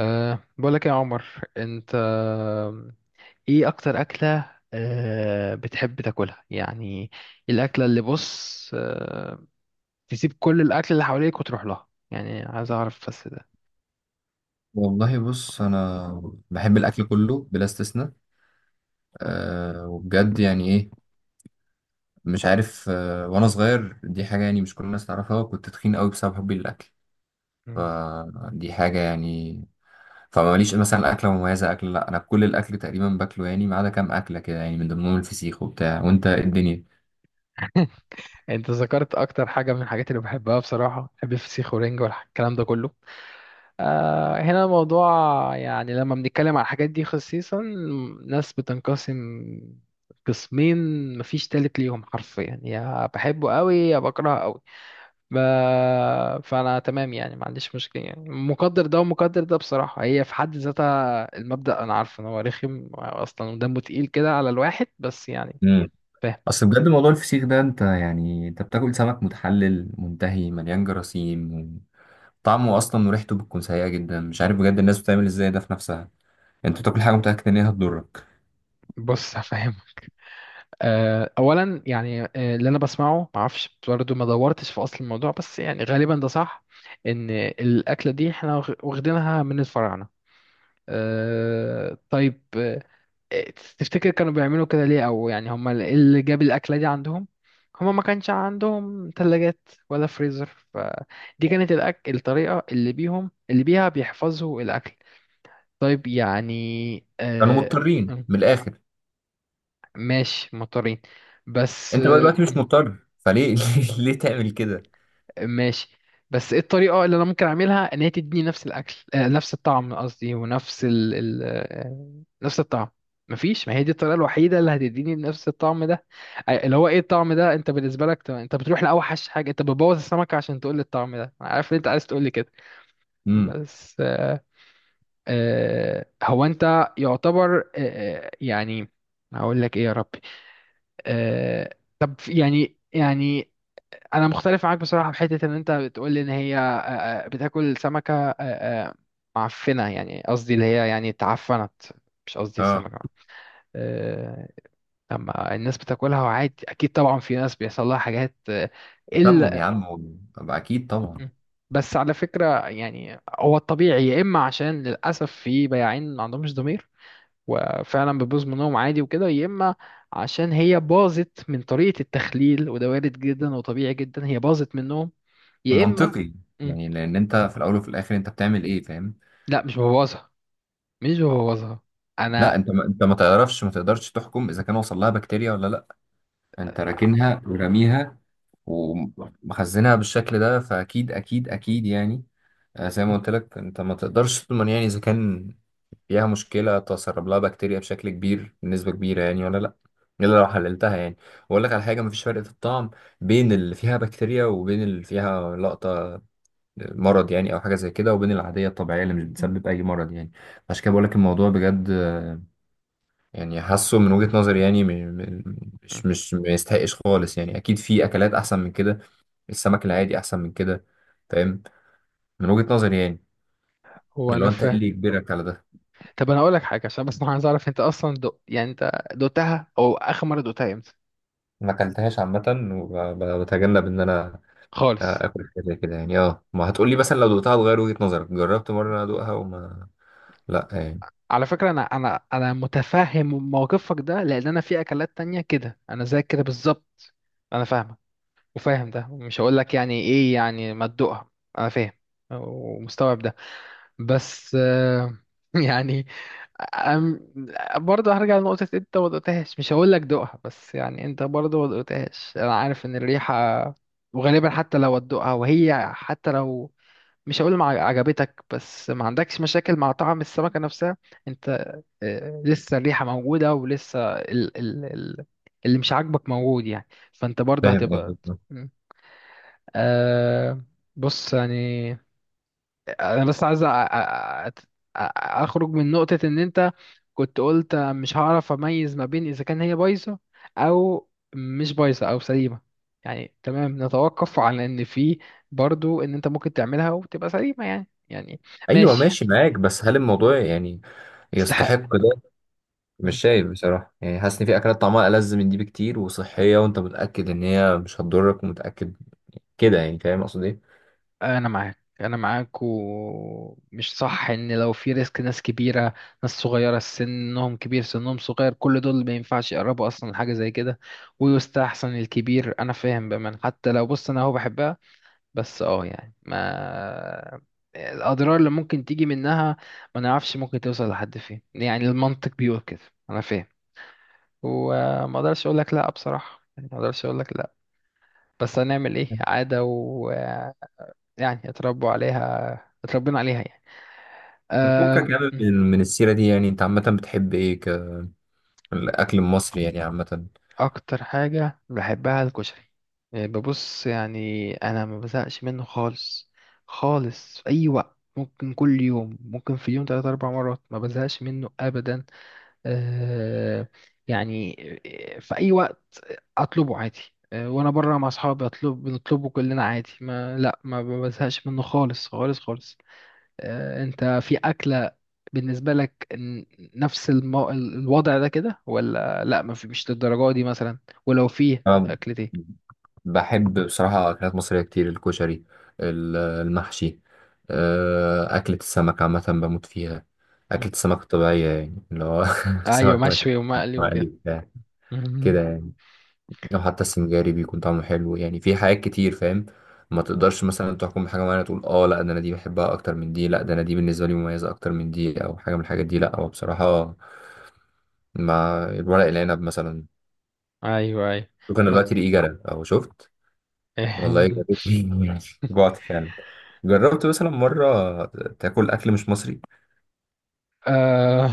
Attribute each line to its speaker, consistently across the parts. Speaker 1: بقولك يا عمر، انت ايه اكتر اكلة بتحب تاكلها يعني؟ الاكلة اللي بص تسيب كل الاكل اللي حواليك وتروح لها، يعني عايز اعرف بس ده.
Speaker 2: والله بص انا بحب الاكل كله بلا استثناء. وبجد يعني ايه. مش عارف، وانا صغير دي حاجه يعني مش كل الناس تعرفها، كنت تخين قوي بسبب حبي للاكل.
Speaker 1: مم.
Speaker 2: فدي حاجه يعني. فماليش مثلا اكله مميزه اكل، لا انا كل الاكل تقريبا باكله يعني، ما عدا كام اكله كده يعني، من ضمنهم الفسيخ وبتاع. وانت إيه الدنيا.
Speaker 1: انت ذكرت اكتر حاجة من الحاجات اللي بحبها، بصراحة بحب الفسيخ ورنج والكلام ده كله. هنا الموضوع، يعني لما بنتكلم على الحاجات دي خصيصا، ناس بتنقسم قسمين، مفيش تالت ليهم، حرفيا يا بحبه قوي يا بكرهه قوي. ب... فانا تمام يعني، ما عنديش مشكله، يعني مقدر ده ومقدر ده بصراحه، هي في حد ذاتها المبدا انا عارف ان هو رخم اصلا ودمه تقيل كده على الواحد، بس يعني
Speaker 2: امم
Speaker 1: فاهم.
Speaker 2: اصل بجد موضوع الفسيخ ده، انت يعني انت بتاكل سمك متحلل منتهي مليان جراثيم. طعمه اصلا وريحته بتكون سيئه جدا، مش عارف بجد الناس بتعمل ازاي ده في نفسها. انت بتاكل حاجه متاكد ان هي هتضرك.
Speaker 1: بص هفهم. اولا يعني اللي انا بسمعه، ما اعرفش برضه، ما دورتش في اصل الموضوع، بس يعني غالبا ده صح، ان الاكله دي احنا واخدينها من الفراعنه. طيب، تفتكر كانوا بيعملوا كده ليه، او يعني هم اللي جاب الاكله دي عندهم؟ هم ما كانش عندهم ثلاجات ولا فريزر، فدي كانت الطريقه اللي بيهم اللي بيها بيحفظوا الاكل. طيب يعني
Speaker 2: كانوا مضطرين
Speaker 1: م-
Speaker 2: من الاخر.
Speaker 1: ماشي مضطرين، بس
Speaker 2: انت بقى دلوقتي مش مضطر، فليه ليه تعمل كده؟
Speaker 1: ماشي. بس ايه الطريقة اللي انا ممكن اعملها ان هي تديني نفس الاكل، نفس الطعم قصدي، ونفس ال... ال... آه، نفس الطعم؟ مفيش، ما هي دي الطريقة الوحيدة اللي هتديني نفس الطعم ده. اللي هو ايه الطعم ده انت بالنسبة لك؟ طب انت بتروح لأوحش حاجة، انت بتبوظ السمكة عشان تقول لي الطعم ده، أنا عارف ان انت عايز تقول لي كده.
Speaker 2: امم.
Speaker 1: بس هو انت يعتبر يعني هقول لك ايه يا ربي. طب يعني يعني انا مختلف معاك بصراحه، في حته ان انت بتقول لي ان هي بتاكل سمكه معفنه، يعني قصدي اللي هي يعني اتعفنت، مش قصدي
Speaker 2: اه،
Speaker 1: السمكه. آه، لما الناس بتاكلها وعادي، اكيد طبعا في ناس بيحصل لها حاجات
Speaker 2: تسمم يا
Speaker 1: الا.
Speaker 2: عم طب اكيد طبعا.
Speaker 1: م. بس على فكره يعني، هو الطبيعي يا اما عشان للاسف في بياعين ما عندهمش ضمير، وفعلا بتبوظ منهم عادي وكده، يا اما عشان هي باظت من طريقة التخليل، وده وارد جدا وطبيعي جدا هي باظت منهم، يا اما.
Speaker 2: منطقي.
Speaker 1: مم.
Speaker 2: يعني لان انت في الاول وفي الاخر انت بتعمل ايه؟ فاهم.
Speaker 1: لا مش ببوظها، مش ببوظها
Speaker 2: لا
Speaker 1: انا.
Speaker 2: انت، ما انت ما تعرفش، ما تقدرش تحكم اذا كان وصل لها بكتيريا ولا لا. انت راكنها ورميها ومخزنها بالشكل ده، فاكيد اكيد يعني. زي ما قلت لك، انت ما تقدرش تضمن يعني اذا كان فيها مشكله، تسرب لها بكتيريا بشكل كبير بنسبه كبيره يعني، ولا لا. الا لو حللتها يعني. واقول لك على حاجه: مفيش فرق في الطعم بين اللي فيها بكتيريا وبين اللي فيها لقطه مرض يعني او حاجه زي كده، وبين العاديه الطبيعيه اللي مش بتسبب اي مرض يعني. عشان كده بقول لك الموضوع بجد، يعني حاسه من وجهه نظري يعني م-
Speaker 1: مم.
Speaker 2: مش ما يستحقش خالص يعني. اكيد في اكلات احسن من كده. السمك العادي احسن من كده. فاهم؟ من وجهه نظري يعني.
Speaker 1: هو
Speaker 2: اللي
Speaker 1: انا
Speaker 2: هو انت ايه
Speaker 1: فاهم.
Speaker 2: اللي يجبرك على ده؟
Speaker 1: طب انا اقول لك حاجه، عشان بس انا عايز اعرف انت اصلا يعني انت دوقتها، او اخر مره دوقتها امتى؟
Speaker 2: ما اكلتهاش عامه، وبتجنب ان انا
Speaker 1: خالص.
Speaker 2: اكل حاجه زي كده يعني. اه ما هتقولي مثلا لو دوقتها هتغير وجهه نظرك، جربت مره ادوقها وما، لا يعني.
Speaker 1: على فكره انا متفهم موقفك ده، لان انا في اكلات تانية كده انا زيك كده بالظبط. انا فاهمك، وفاهم ده، مش هقول لك يعني ايه يعني ما تدوقها، انا فاهم ومستوعب ده. بس يعني أم- برضه هرجع لنقطة انت ما دقتهاش، مش هقول لك دوقها، بس يعني انت برضه ما دقتهاش، انا عارف ان الريحة، وغالبا حتى لو هتدوقها، وهي حتى لو مش هقول ما عجبتك، بس ما عندكش مشاكل مع طعم السمكة نفسها انت. لسه الريحة موجودة ولسه ال اللي مش عاجبك موجود، يعني فانت برضه
Speaker 2: فاهم
Speaker 1: هتبقى.
Speaker 2: قصدك.
Speaker 1: أه بص يعني انا بس عايز اخرج من نقطة ان انت كنت قلت مش هعرف اميز ما بين اذا كان هي بايظة او مش بايظة او سليمة. يعني تمام، نتوقف على ان في برضو ان انت ممكن تعملها وتبقى سليمة يعني يعني.
Speaker 2: ايوه
Speaker 1: ماشي.
Speaker 2: ماشي
Speaker 1: مم.
Speaker 2: معاك، بس هل الموضوع يعني
Speaker 1: استحق.
Speaker 2: يستحق ده؟ مش شايف بصراحه يعني. حاسس ان في اكلات طعمها ألذ من دي بكتير، وصحيه، وانت متاكد ان هي مش هتضرك ومتاكد كده يعني. فاهم اقصد ايه؟
Speaker 1: انا معاك انا معاك، ومش صح ان لو في ريسك، ناس كبيره، ناس صغيره، سنهم كبير سنهم صغير، كل دول ما ينفعش يقربوا اصلا لحاجه زي كده، ويستحسن الكبير. انا فاهم بأمان حتى لو، بص انا هو بحبها، بس اه يعني ما الاضرار اللي ممكن تيجي منها ما نعرفش ممكن توصل لحد فين، يعني المنطق بيقول كده. انا فاهم، وما اقدرش اقول لك لا بصراحه، يعني ما اقدرش اقول لك لا. بس هنعمل ايه، عاده يعني، اتربوا عليها، اتربينا عليها يعني.
Speaker 2: بتفكك
Speaker 1: أم،
Speaker 2: يعني، من السيره دي يعني، انت عامه بتحب ايه كالاكل المصري يعني عامه؟
Speaker 1: اكتر حاجة بحبها الكشري، يعني ببص يعني انا ما بزهقش منه خالص خالص، في اي وقت ممكن، كل يوم ممكن، في اليوم ثلاث اربع مرات ما بزهقش منه ابدا. أه يعني في اي وقت اطلبه عادي. وانا بره مع اصحابي اطلب، بنطلبه كلنا عادي، ما لا ما بزهقش منه خالص خالص خالص. انت في اكلة بالنسبة لك نفس الوضع ده كده ولا لا؟ ما في، مش للدرجة دي مثلا، ولو فيه
Speaker 2: أنا
Speaker 1: أكلة إيه؟
Speaker 2: بحب بصراحة أكلات مصرية كتير: الكشري، المحشي، أكلة السمك عامة بموت فيها. أكلة
Speaker 1: مم.
Speaker 2: السمك الطبيعية يعني اللي هو
Speaker 1: أيوة
Speaker 2: سمك
Speaker 1: مشوي ومقلي
Speaker 2: مقلي
Speaker 1: وكده.
Speaker 2: بتاع
Speaker 1: مم.
Speaker 2: كده يعني. أو حتى السنجاري بيكون طعمه حلو يعني. في حاجات كتير فاهم. ما تقدرش مثلا تحكم بحاجة معينة تقول اه لا ده أنا دي بحبها أكتر من دي، لا ده أنا دي بالنسبة لي مميزة أكتر من دي، أو حاجة من الحاجات دي. لا هو بصراحة مع الورق العنب مثلا
Speaker 1: ايوه ايوه.
Speaker 2: ممكن
Speaker 1: بص
Speaker 2: دلوقتي ريقي جرى أو شفت. والله يا ريت جوعت فعلا. جربت مثلا مرة تاكل أكل مش مصري؟
Speaker 1: آه...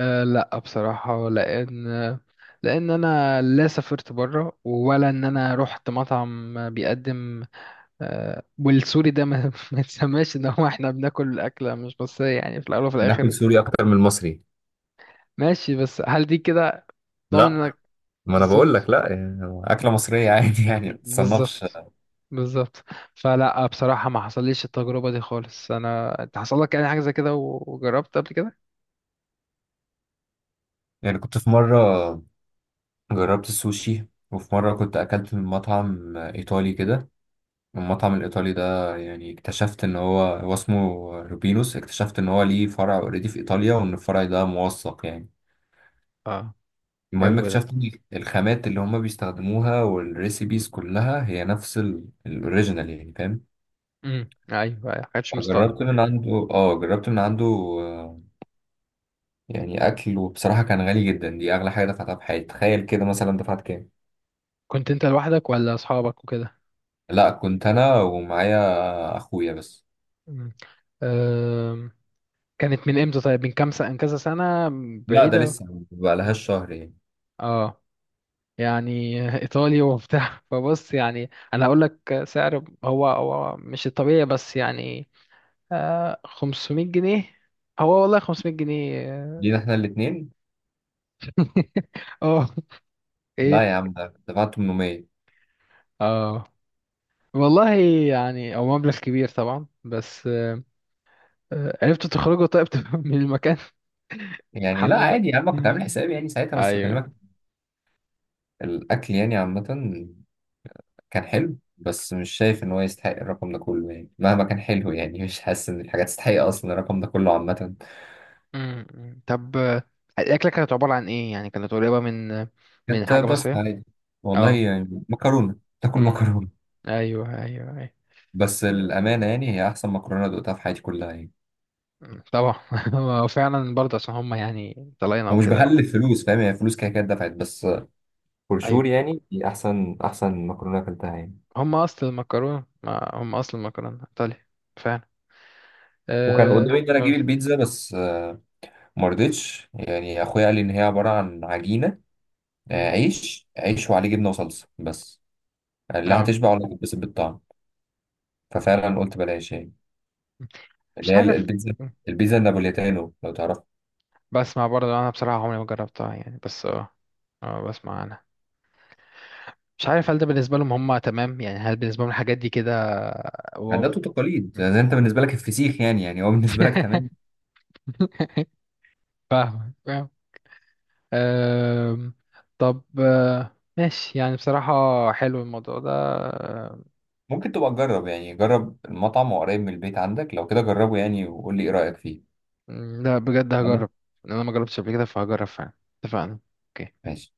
Speaker 1: آه لا بصراحة، لأن أنا لا سافرت بره، ولا إن أنا رحت مطعم بيقدم والسوري ده ما, ما تسماش إن هو إحنا بناكل أكلة مش، بس يعني في الأول وفي
Speaker 2: بناكل
Speaker 1: الآخر.
Speaker 2: سوري أكتر من المصري.
Speaker 1: ماشي، بس هل دي كده ضامن
Speaker 2: لا
Speaker 1: انك؟
Speaker 2: ما أنا بقول
Speaker 1: بالظبط،
Speaker 2: لك لا يعني أكلة مصرية عادي يعني ما تتصنفش.
Speaker 1: بالظبط، بالظبط. فلا بصراحة ما حصليش التجربة دي خالص انا، انت حصل لك يعني حاجة زي كده وجربت قبل كده؟
Speaker 2: يعني كنت في مرة جربت السوشي، وفي مرة كنت أكلت من مطعم إيطالي كده. المطعم الإيطالي ده يعني اكتشفت إن هو اسمه روبينوس، اكتشفت إن هو ليه فرع أوريدي في إيطاليا، وإن الفرع ده موثق يعني.
Speaker 1: اه،
Speaker 2: المهم
Speaker 1: حلو ده.
Speaker 2: اكتشفت ان الخامات اللي هما بيستخدموها والريسيبيز كلها هي نفس الاوريجينال يعني. فاهم؟
Speaker 1: امم، ايوه، ما كانتش مصطنع.
Speaker 2: جربت من عنده، اه جربت من عنده، يعني اكل وبصراحة كان غالي جدا. دي اغلى حاجة دفعتها في حياتي. تخيل كده مثلا دفعت كام؟
Speaker 1: كنت انت لوحدك ولا اصحابك وكده؟
Speaker 2: لا كنت انا ومعايا اخويا بس.
Speaker 1: امم. أم، كانت من امتى طيب، من كام سنة من كذا سنة؟
Speaker 2: لا ده
Speaker 1: بعيدة.
Speaker 2: لسه ما
Speaker 1: مم.
Speaker 2: بقالهاش شهر يعني.
Speaker 1: اه. يعني ايطالي وبتاع فبص يعني انا هقول لك سعر، هو هو مش الطبيعي بس يعني 500 جنيه. هو والله 500 جنيه؟ اه.
Speaker 2: جينا احنا الاتنين،
Speaker 1: آه،
Speaker 2: لا
Speaker 1: ايه؟
Speaker 2: يا عم ده دفعت 800.
Speaker 1: اه والله. يعني هو مبلغ كبير طبعا، بس آه عرفت تخرجه طيب من المكان؟
Speaker 2: يعني لا
Speaker 1: الحمد لله.
Speaker 2: عادي يا عم، كنت عامل
Speaker 1: مم.
Speaker 2: حسابي يعني ساعتها، بس
Speaker 1: ايوه.
Speaker 2: بكلمك. الاكل يعني عامة كان حلو، بس مش شايف ان هو يستحق الرقم ده كله يعني. مهما كان حلو يعني، مش حاسس ان الحاجات تستحق اصلا الرقم ده كله عامه.
Speaker 1: مم، مم. طب الاكله كانت عباره عن ايه يعني؟ كانت قريبه من من
Speaker 2: كانت
Speaker 1: حاجه
Speaker 2: بس
Speaker 1: مصريه؟
Speaker 2: عادي، والله
Speaker 1: اه.
Speaker 2: يعني مكرونه تاكل
Speaker 1: مم.
Speaker 2: مكرونه.
Speaker 1: ايوه ايوه ايوه.
Speaker 2: بس
Speaker 1: آه،
Speaker 2: للامانه يعني هي احسن مكرونه دقتها في حياتي كلها يعني.
Speaker 1: مم، طبعا. هو فعلا برضه عشان هم يعني طلعنا
Speaker 2: ومش
Speaker 1: وكده.
Speaker 2: بهلف فلوس فاهم، يعني فلوس كده كده دفعت، بس فور
Speaker 1: ايوه.
Speaker 2: شور يعني دي احسن مكرونه اكلتها يعني.
Speaker 1: هم اصل المكرونه، ما هم اصل المكرونه ايطالي، فعلا.
Speaker 2: وكان
Speaker 1: اه
Speaker 2: قدامي ان انا اجيب
Speaker 1: أقول.
Speaker 2: البيتزا بس ما رضيتش يعني. اخويا قال لي ان هي عباره عن عجينه،
Speaker 1: مم.
Speaker 2: عيش وعليه جبنه وصلصه بس. قال لي لا
Speaker 1: اه.
Speaker 2: هتشبع ولا هتتبسط بالطعم. ففعلا قلت بلاش يعني، اللي
Speaker 1: مش
Speaker 2: هي
Speaker 1: عارف.
Speaker 2: البيتزا.
Speaker 1: مم.
Speaker 2: البيتزا النابوليتانو لو تعرف.
Speaker 1: بسمع برضه انا بصراحه، عمري ما جربتها يعني، بس اه اه بسمع انا. مش عارف هل ده بالنسبه لهم هم تمام يعني، هل بالنسبه لهم الحاجات دي كده؟ واو.
Speaker 2: عادات وتقاليد
Speaker 1: مم.
Speaker 2: يعني، انت بالنسبه لك الفسيخ يعني، يعني هو بالنسبه لك تمام.
Speaker 1: فاهم فاهم. أم، طب ماشي، يعني بصراحة حلو الموضوع ده.
Speaker 2: ممكن تبقى تجرب يعني، جرب المطعم، وقريب من البيت عندك لو كده جربه يعني، وقول لي ايه رايك فيه.
Speaker 1: لا بجد
Speaker 2: انا
Speaker 1: هجرب. انا ما جربتش قبل كده فهجرب فعلا. اتفقنا. اوكي.
Speaker 2: ماشي.